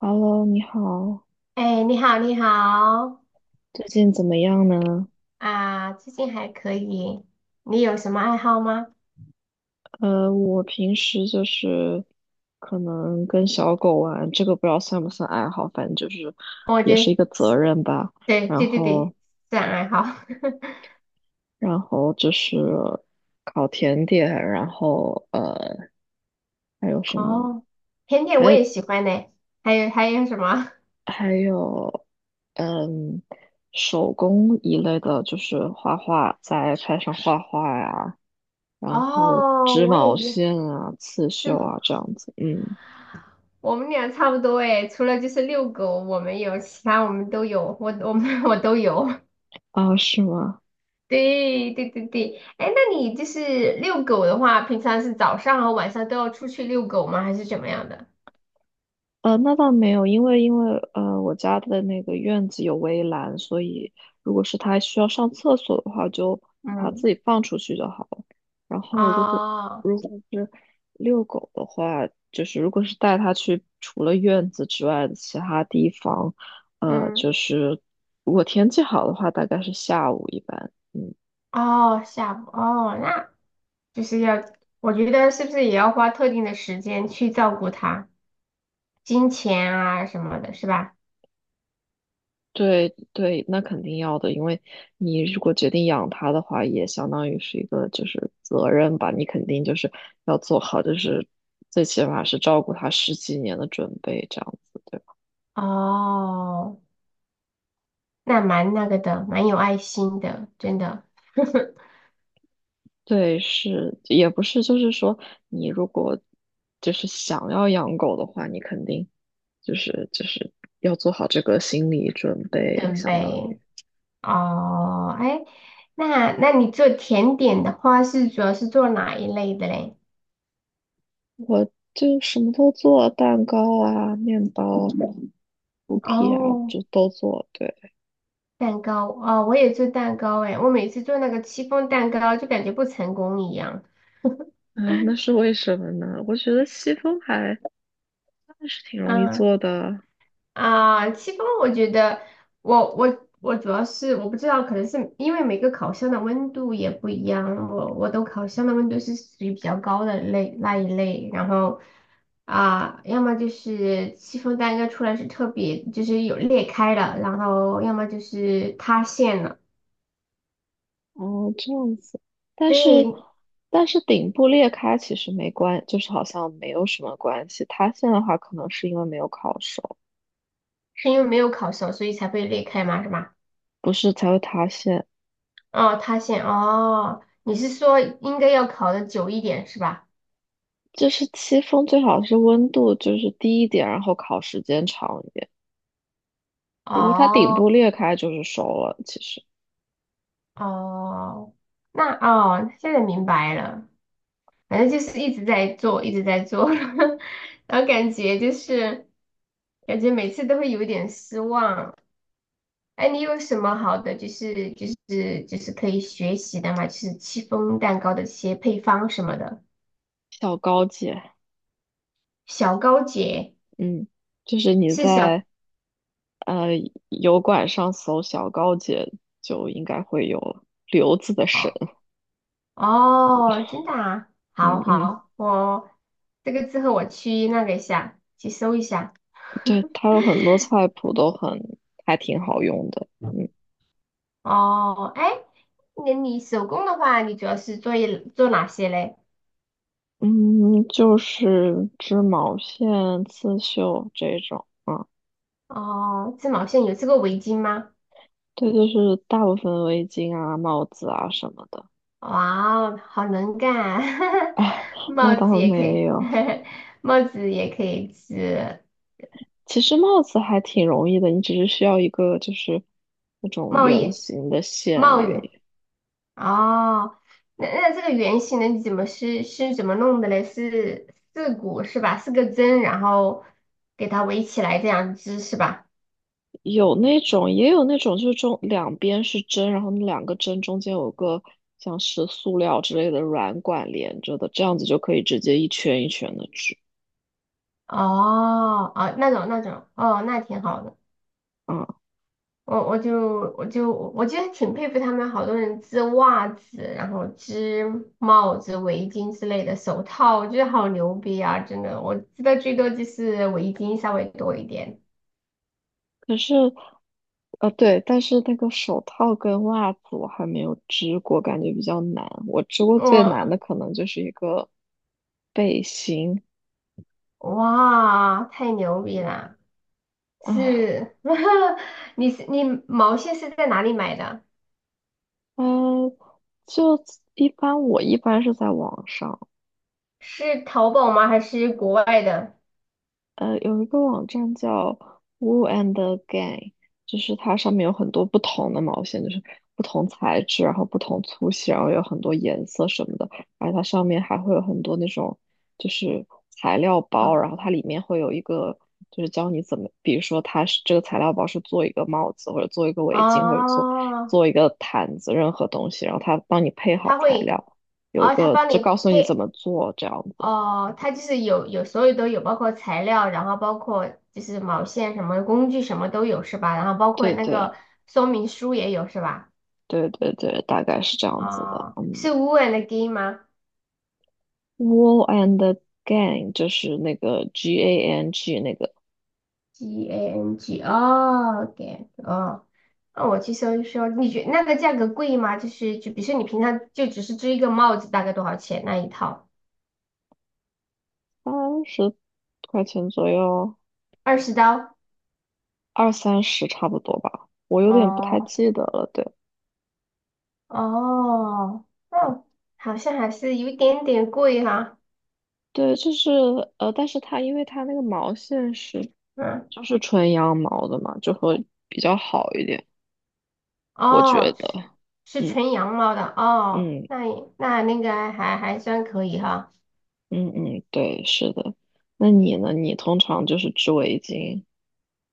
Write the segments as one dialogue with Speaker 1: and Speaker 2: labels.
Speaker 1: Hello，你好，
Speaker 2: 哎，你好，你好
Speaker 1: 最近怎么样呢？
Speaker 2: 啊，最近还可以。你有什么爱好吗？
Speaker 1: 我平时就是可能跟小狗玩，这个不知道算不算爱好，反正就是
Speaker 2: 哦，我
Speaker 1: 也
Speaker 2: 觉
Speaker 1: 是一
Speaker 2: 得，
Speaker 1: 个责任吧。
Speaker 2: 对
Speaker 1: 然
Speaker 2: 对对
Speaker 1: 后，
Speaker 2: 对，自然爱好。
Speaker 1: 然后，就是烤甜点，然后还有 什么？
Speaker 2: 哦，甜点我
Speaker 1: 还
Speaker 2: 也喜欢呢。还有还有什么？
Speaker 1: 还有嗯，手工一类的，就是画画，在 i 上画画呀，然后
Speaker 2: 哦，
Speaker 1: 织
Speaker 2: 我也
Speaker 1: 毛
Speaker 2: 也，
Speaker 1: 线啊、刺
Speaker 2: 这
Speaker 1: 绣
Speaker 2: 对
Speaker 1: 啊这样子，嗯。
Speaker 2: 我们俩差不多哎，除了就是遛狗我没有，其他我们都有，我们 我都有。
Speaker 1: 啊，是吗？
Speaker 2: 对对对对，哎，那你就是遛狗的话，平常是早上和晚上都要出去遛狗吗？还是怎么样的？
Speaker 1: 那倒没有，因为我家的那个院子有围栏，所以如果是它需要上厕所的话，就把它自
Speaker 2: 嗯，
Speaker 1: 己放出去就好了。然后如果
Speaker 2: 哦。
Speaker 1: 如果是遛狗的话，就是如果是带它去除了院子之外的其他地方，就
Speaker 2: 嗯，
Speaker 1: 是如果天气好的话，大概是下午一般。嗯，
Speaker 2: 哦，下午，哦，那就是要，我觉得是不是也要花特定的时间去照顾他，金钱啊什么的，是吧？
Speaker 1: 对对，那肯定要的，因为你如果决定养它的话，也相当于是一个就是责任吧，你肯定就是要做好，就是最起码是照顾它十几年的准备，这样子，对吧？
Speaker 2: 哦，那蛮那个的，蛮有爱心的，真的。
Speaker 1: 对，是，也不是，就是说你如果就是想要养狗的话，你肯定就是要做好这个心理准备，
Speaker 2: 准
Speaker 1: 相当于。
Speaker 2: 备，哦，哎，那你做甜点的话，是主要是做哪一类的嘞？
Speaker 1: 我就什么都做，蛋糕啊、面包、cookie 啊，
Speaker 2: 哦，
Speaker 1: 就都做，对。
Speaker 2: 蛋糕，哦，我也做蛋糕，哎，我每次做那个戚风蛋糕，就感觉不成功一样。
Speaker 1: 啊，那 是为什么呢？我觉得西风还是挺容易
Speaker 2: 啊。
Speaker 1: 做的。
Speaker 2: 啊，戚风，我觉得我主要是我不知道，可能是因为每个烤箱的温度也不一样，我都烤箱的温度是属于比较高的类那一类，然后啊，要么就是戚风蛋糕出来是特别就是有裂开了，然后要么就是塌陷了，
Speaker 1: 哦，这样子，但是
Speaker 2: 对，
Speaker 1: 但是顶部裂开其实没关，就是好像没有什么关系。塌陷的话，可能是因为没有烤熟，
Speaker 2: 是因为没有烤熟，所以才会裂开嘛，是吧？
Speaker 1: 不是才会塌陷。
Speaker 2: 哦，塌陷，哦，你是说应该要烤的久一点是吧？
Speaker 1: 就是戚风最好是温度就是低一点，然后烤时间长一点。如果它顶部
Speaker 2: 哦。
Speaker 1: 裂开就是熟了，其实
Speaker 2: 哦，那哦，现在明白了，反正就是一直在做，一直在做，然后感觉就是感觉每次都会有一点失望。哎，你有什么好的就是可以学习的嘛？就是戚风蛋糕的一些配方什么的，
Speaker 1: 小高级。
Speaker 2: 小高姐
Speaker 1: 嗯，就是你
Speaker 2: 是
Speaker 1: 在
Speaker 2: 小
Speaker 1: 呃，油管上搜小高姐就应该会有刘子的神，
Speaker 2: 哦哦，真的啊，
Speaker 1: 嗯
Speaker 2: 好
Speaker 1: 嗯，
Speaker 2: 好，我这个之后我去那个一下，去搜一下。
Speaker 1: 对，它有很多菜谱都很还挺好用的，嗯
Speaker 2: 哦，哎，那你手工的话，你主要是做一做哪些嘞？
Speaker 1: 嗯，就是织毛线、刺绣这种啊，
Speaker 2: 哦，织毛线有织过围巾吗？
Speaker 1: 对，就是大部分围巾啊、帽子啊什么的，
Speaker 2: 哇哦，好能干啊
Speaker 1: 啊，那
Speaker 2: 帽子
Speaker 1: 倒
Speaker 2: 也可
Speaker 1: 没
Speaker 2: 以，
Speaker 1: 有，
Speaker 2: 帽子也可以织，
Speaker 1: 其实帽子还挺容易的，你只是需要一个就是那种
Speaker 2: 帽
Speaker 1: 圆
Speaker 2: 叶、
Speaker 1: 形的线
Speaker 2: 帽
Speaker 1: 而
Speaker 2: 叶。
Speaker 1: 已。
Speaker 2: 哦，那这个圆形的你怎么是怎么弄的嘞？是四股是吧？四个针，然后给它围起来这样织是吧？
Speaker 1: 有那种，也有那种，就是中两边是针，然后那两个针中间有个像是塑料之类的软管连着的，这样子就可以直接一圈一圈的织
Speaker 2: 哦，哦，那种那种，哦，那挺好的。
Speaker 1: 啊。
Speaker 2: 我觉得挺佩服他们，好多人织袜子，然后织帽子、围巾之类的，手套，我觉得好牛逼啊！真的，我织的最多就是围巾稍微多一点。
Speaker 1: 可是，对，但是那个手套跟袜子我还没有织过，感觉比较难。我织过最难
Speaker 2: 我
Speaker 1: 的可能就是一个背心
Speaker 2: 哇，太牛逼了！
Speaker 1: 啊，
Speaker 2: 是，你毛线是在哪里买的？
Speaker 1: 呃，就一般我一般是在网上。
Speaker 2: 是淘宝吗？还是国外的？
Speaker 1: 有一个网站叫 Woo and Gang，就是它上面有很多不同的毛线，就是不同材质，然后不同粗细，然后有很多颜色什么的，而它上面还会有很多那种就是材料包，
Speaker 2: 哦
Speaker 1: 然后它里面会有一个就是教你怎么，比如说它是这个材料包是做一个帽子，或者做一个围巾，或者做
Speaker 2: 哦，
Speaker 1: 做一个毯子，任何东西，然后它帮你配好
Speaker 2: 他
Speaker 1: 材
Speaker 2: 会，
Speaker 1: 料，有一
Speaker 2: 哦，他
Speaker 1: 个
Speaker 2: 帮
Speaker 1: 就
Speaker 2: 你
Speaker 1: 告诉你怎
Speaker 2: 配。
Speaker 1: 么做这样子。
Speaker 2: 哦，它就是有所有都有，包括材料，然后包括就是毛线什么工具什么都有是吧？然后包括
Speaker 1: 对
Speaker 2: 那
Speaker 1: 对。
Speaker 2: 个说明书也有是吧？
Speaker 1: 对对对，大概是这样子的。
Speaker 2: 哦，
Speaker 1: 嗯
Speaker 2: 是 Woo and Gang 吗
Speaker 1: ，Wall and the Gang 就是那个 G A N G 那个
Speaker 2: ？GANG 哦，Gang 哦，那我去搜一搜，你觉那个价格贵吗？就是就比如说你平常就只是织一个帽子，大概多少钱那一套？
Speaker 1: 30块钱左右，
Speaker 2: 20刀？
Speaker 1: 二三十差不多吧，我有点不太
Speaker 2: 哦
Speaker 1: 记得了。对
Speaker 2: 哦，哦，好像还是有一点点贵哈、
Speaker 1: 对，就是但是它因为它那个毛线是
Speaker 2: 嗯。
Speaker 1: 就是纯羊毛的嘛，就会比较好一点，我觉
Speaker 2: 哦，
Speaker 1: 得。
Speaker 2: 是
Speaker 1: 嗯
Speaker 2: 纯羊毛的哦，
Speaker 1: 嗯
Speaker 2: 那也那个还算可以哈。
Speaker 1: 嗯嗯，对，是的。那你呢？你通常就是织围巾？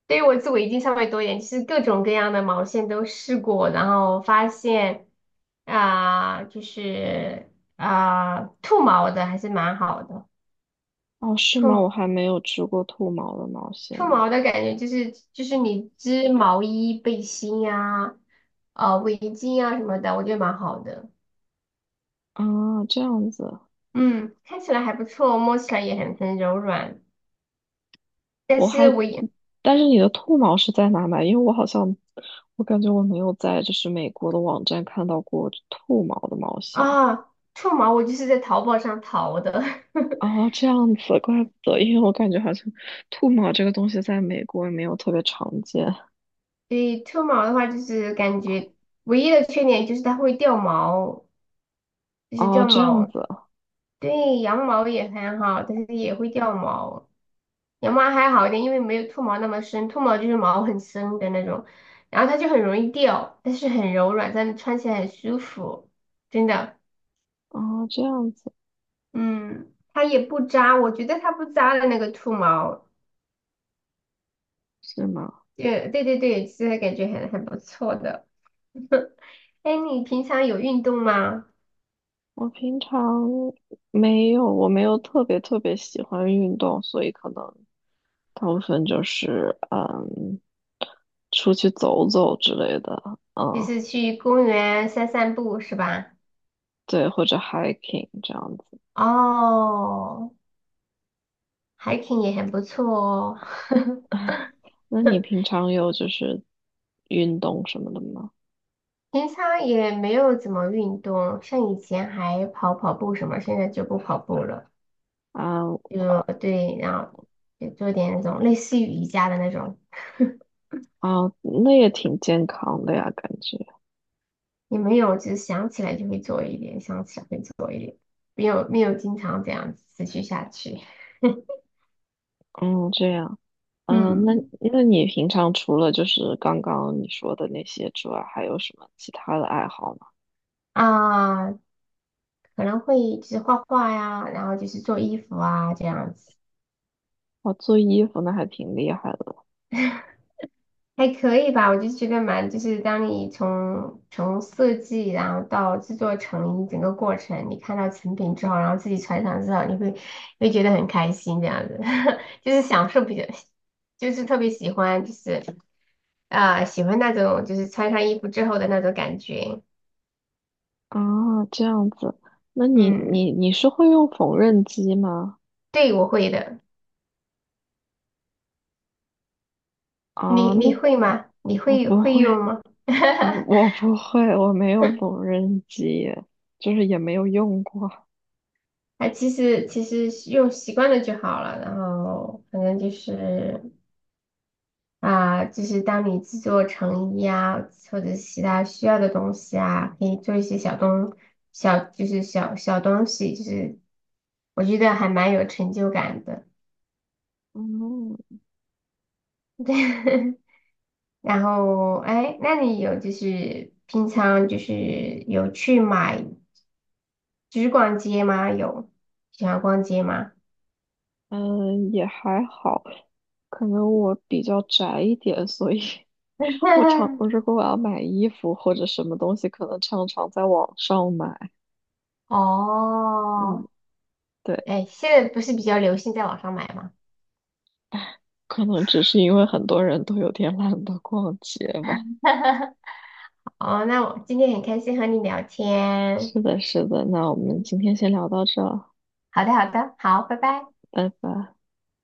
Speaker 2: 对于我织围巾上稍微多一点，其实各种各样的毛线都试过，然后发现啊、就是啊、兔毛的还是蛮好的，
Speaker 1: 哦，是吗？
Speaker 2: 兔
Speaker 1: 我还没有织过兔毛的毛线
Speaker 2: 兔毛的感觉就是你织毛衣、背心呀、啊、围巾呀什么的，我觉得蛮好的。
Speaker 1: 啊，这样子，
Speaker 2: 嗯，看起来还不错，摸起来也很柔软，但
Speaker 1: 我
Speaker 2: 是
Speaker 1: 还，
Speaker 2: 我也。
Speaker 1: 但是你的兔毛是在哪买？因为我好像，我感觉我没有在就是美国的网站看到过兔毛的毛线。
Speaker 2: 啊，兔毛我就是在淘宝上淘的，
Speaker 1: 哦，这样子，怪不得，因为我感觉好像兔毛这个东西在美国也没有特别常见。
Speaker 2: 所以兔毛的话就是感觉唯一的缺点就是它会掉毛，就是
Speaker 1: 哦，
Speaker 2: 掉
Speaker 1: 这样
Speaker 2: 毛。
Speaker 1: 子，
Speaker 2: 对，羊毛也很好，但是也会掉毛。羊毛还好一点，因为没有兔毛那么深，兔毛就是毛很深的那种，然后它就很容易掉，但是很柔软，但是穿起来很舒服，真的。
Speaker 1: 哦，这样子，
Speaker 2: 嗯，它也不扎，我觉得它不扎的那个兔毛，
Speaker 1: 是吗？
Speaker 2: 对对对对，其实感觉很不错的。哎，你平常有运动吗？
Speaker 1: 我平常没有，我没有特别特别喜欢运动，所以可能。大部分就是出去走走之类的，
Speaker 2: 就
Speaker 1: 嗯，
Speaker 2: 是去公园散散步是吧？
Speaker 1: 对，或者 hiking 这样子。
Speaker 2: 哦，hiking 也很不错哦。
Speaker 1: 那你平常有就是运动什么的吗？
Speaker 2: 平常也没有怎么运动，像以前还跑跑步什么，现在就不跑步了。
Speaker 1: 啊
Speaker 2: 就对，然后也做点那种类似于瑜伽的那种。
Speaker 1: 啊，那也挺健康的呀，感觉。
Speaker 2: 也没有，就是想起来就会做一点，想起来会做一点，没有没有经常这样子持续下去。
Speaker 1: 嗯，这样。嗯，那
Speaker 2: 嗯
Speaker 1: 那你平常除了就是刚刚你说的那些之外，还有什么其他的爱好吗？
Speaker 2: 啊，可能会就是画画呀，然后就是做衣服啊这样子，
Speaker 1: 哇，做衣服那还挺厉害的
Speaker 2: 还可以吧。我就觉得蛮，就是当你从设计，然后到制作成衣整个过程，你看到成品之后，然后自己穿上之后，你会觉得很开心这样子，就是享受比较，就是特别喜欢，就是啊、喜欢那种就是穿上衣服之后的那种感觉。
Speaker 1: 啊，这样子。那你
Speaker 2: 嗯，
Speaker 1: 你你是会用缝纫机吗？
Speaker 2: 对，我会的。
Speaker 1: 啊，
Speaker 2: 你
Speaker 1: 那
Speaker 2: 你会吗？你
Speaker 1: 我
Speaker 2: 会
Speaker 1: 不
Speaker 2: 会
Speaker 1: 会，
Speaker 2: 用吗？
Speaker 1: 我不会，我没有缝纫机，就是也没有用过。
Speaker 2: 哎，其实用习惯了就好了。然后反正就是啊、就是当你制作成衣啊，或者是其他需要的东西啊，可以做一些小东小，就是小小东西，就是我觉得还蛮有成就感的。
Speaker 1: 嗯
Speaker 2: 对，然后哎，那你有就是平常就是有去买，就是逛街吗？有喜欢逛街吗？
Speaker 1: 嗯，也还好，可能我比较宅一点，所以 我常 我如果我要买衣服或者什么东西，可能常常在网上买。嗯，
Speaker 2: 哦，
Speaker 1: 对，
Speaker 2: 哎，现在不是比较流行在网上买吗？
Speaker 1: 可能只是因为很多人都有点懒得逛街吧。
Speaker 2: 哦，那我今天很开心和你聊天。
Speaker 1: 是的，是的，那我们
Speaker 2: 嗯，
Speaker 1: 今天先聊到这儿，
Speaker 2: 好的，好的，好，拜拜。
Speaker 1: 拜拜。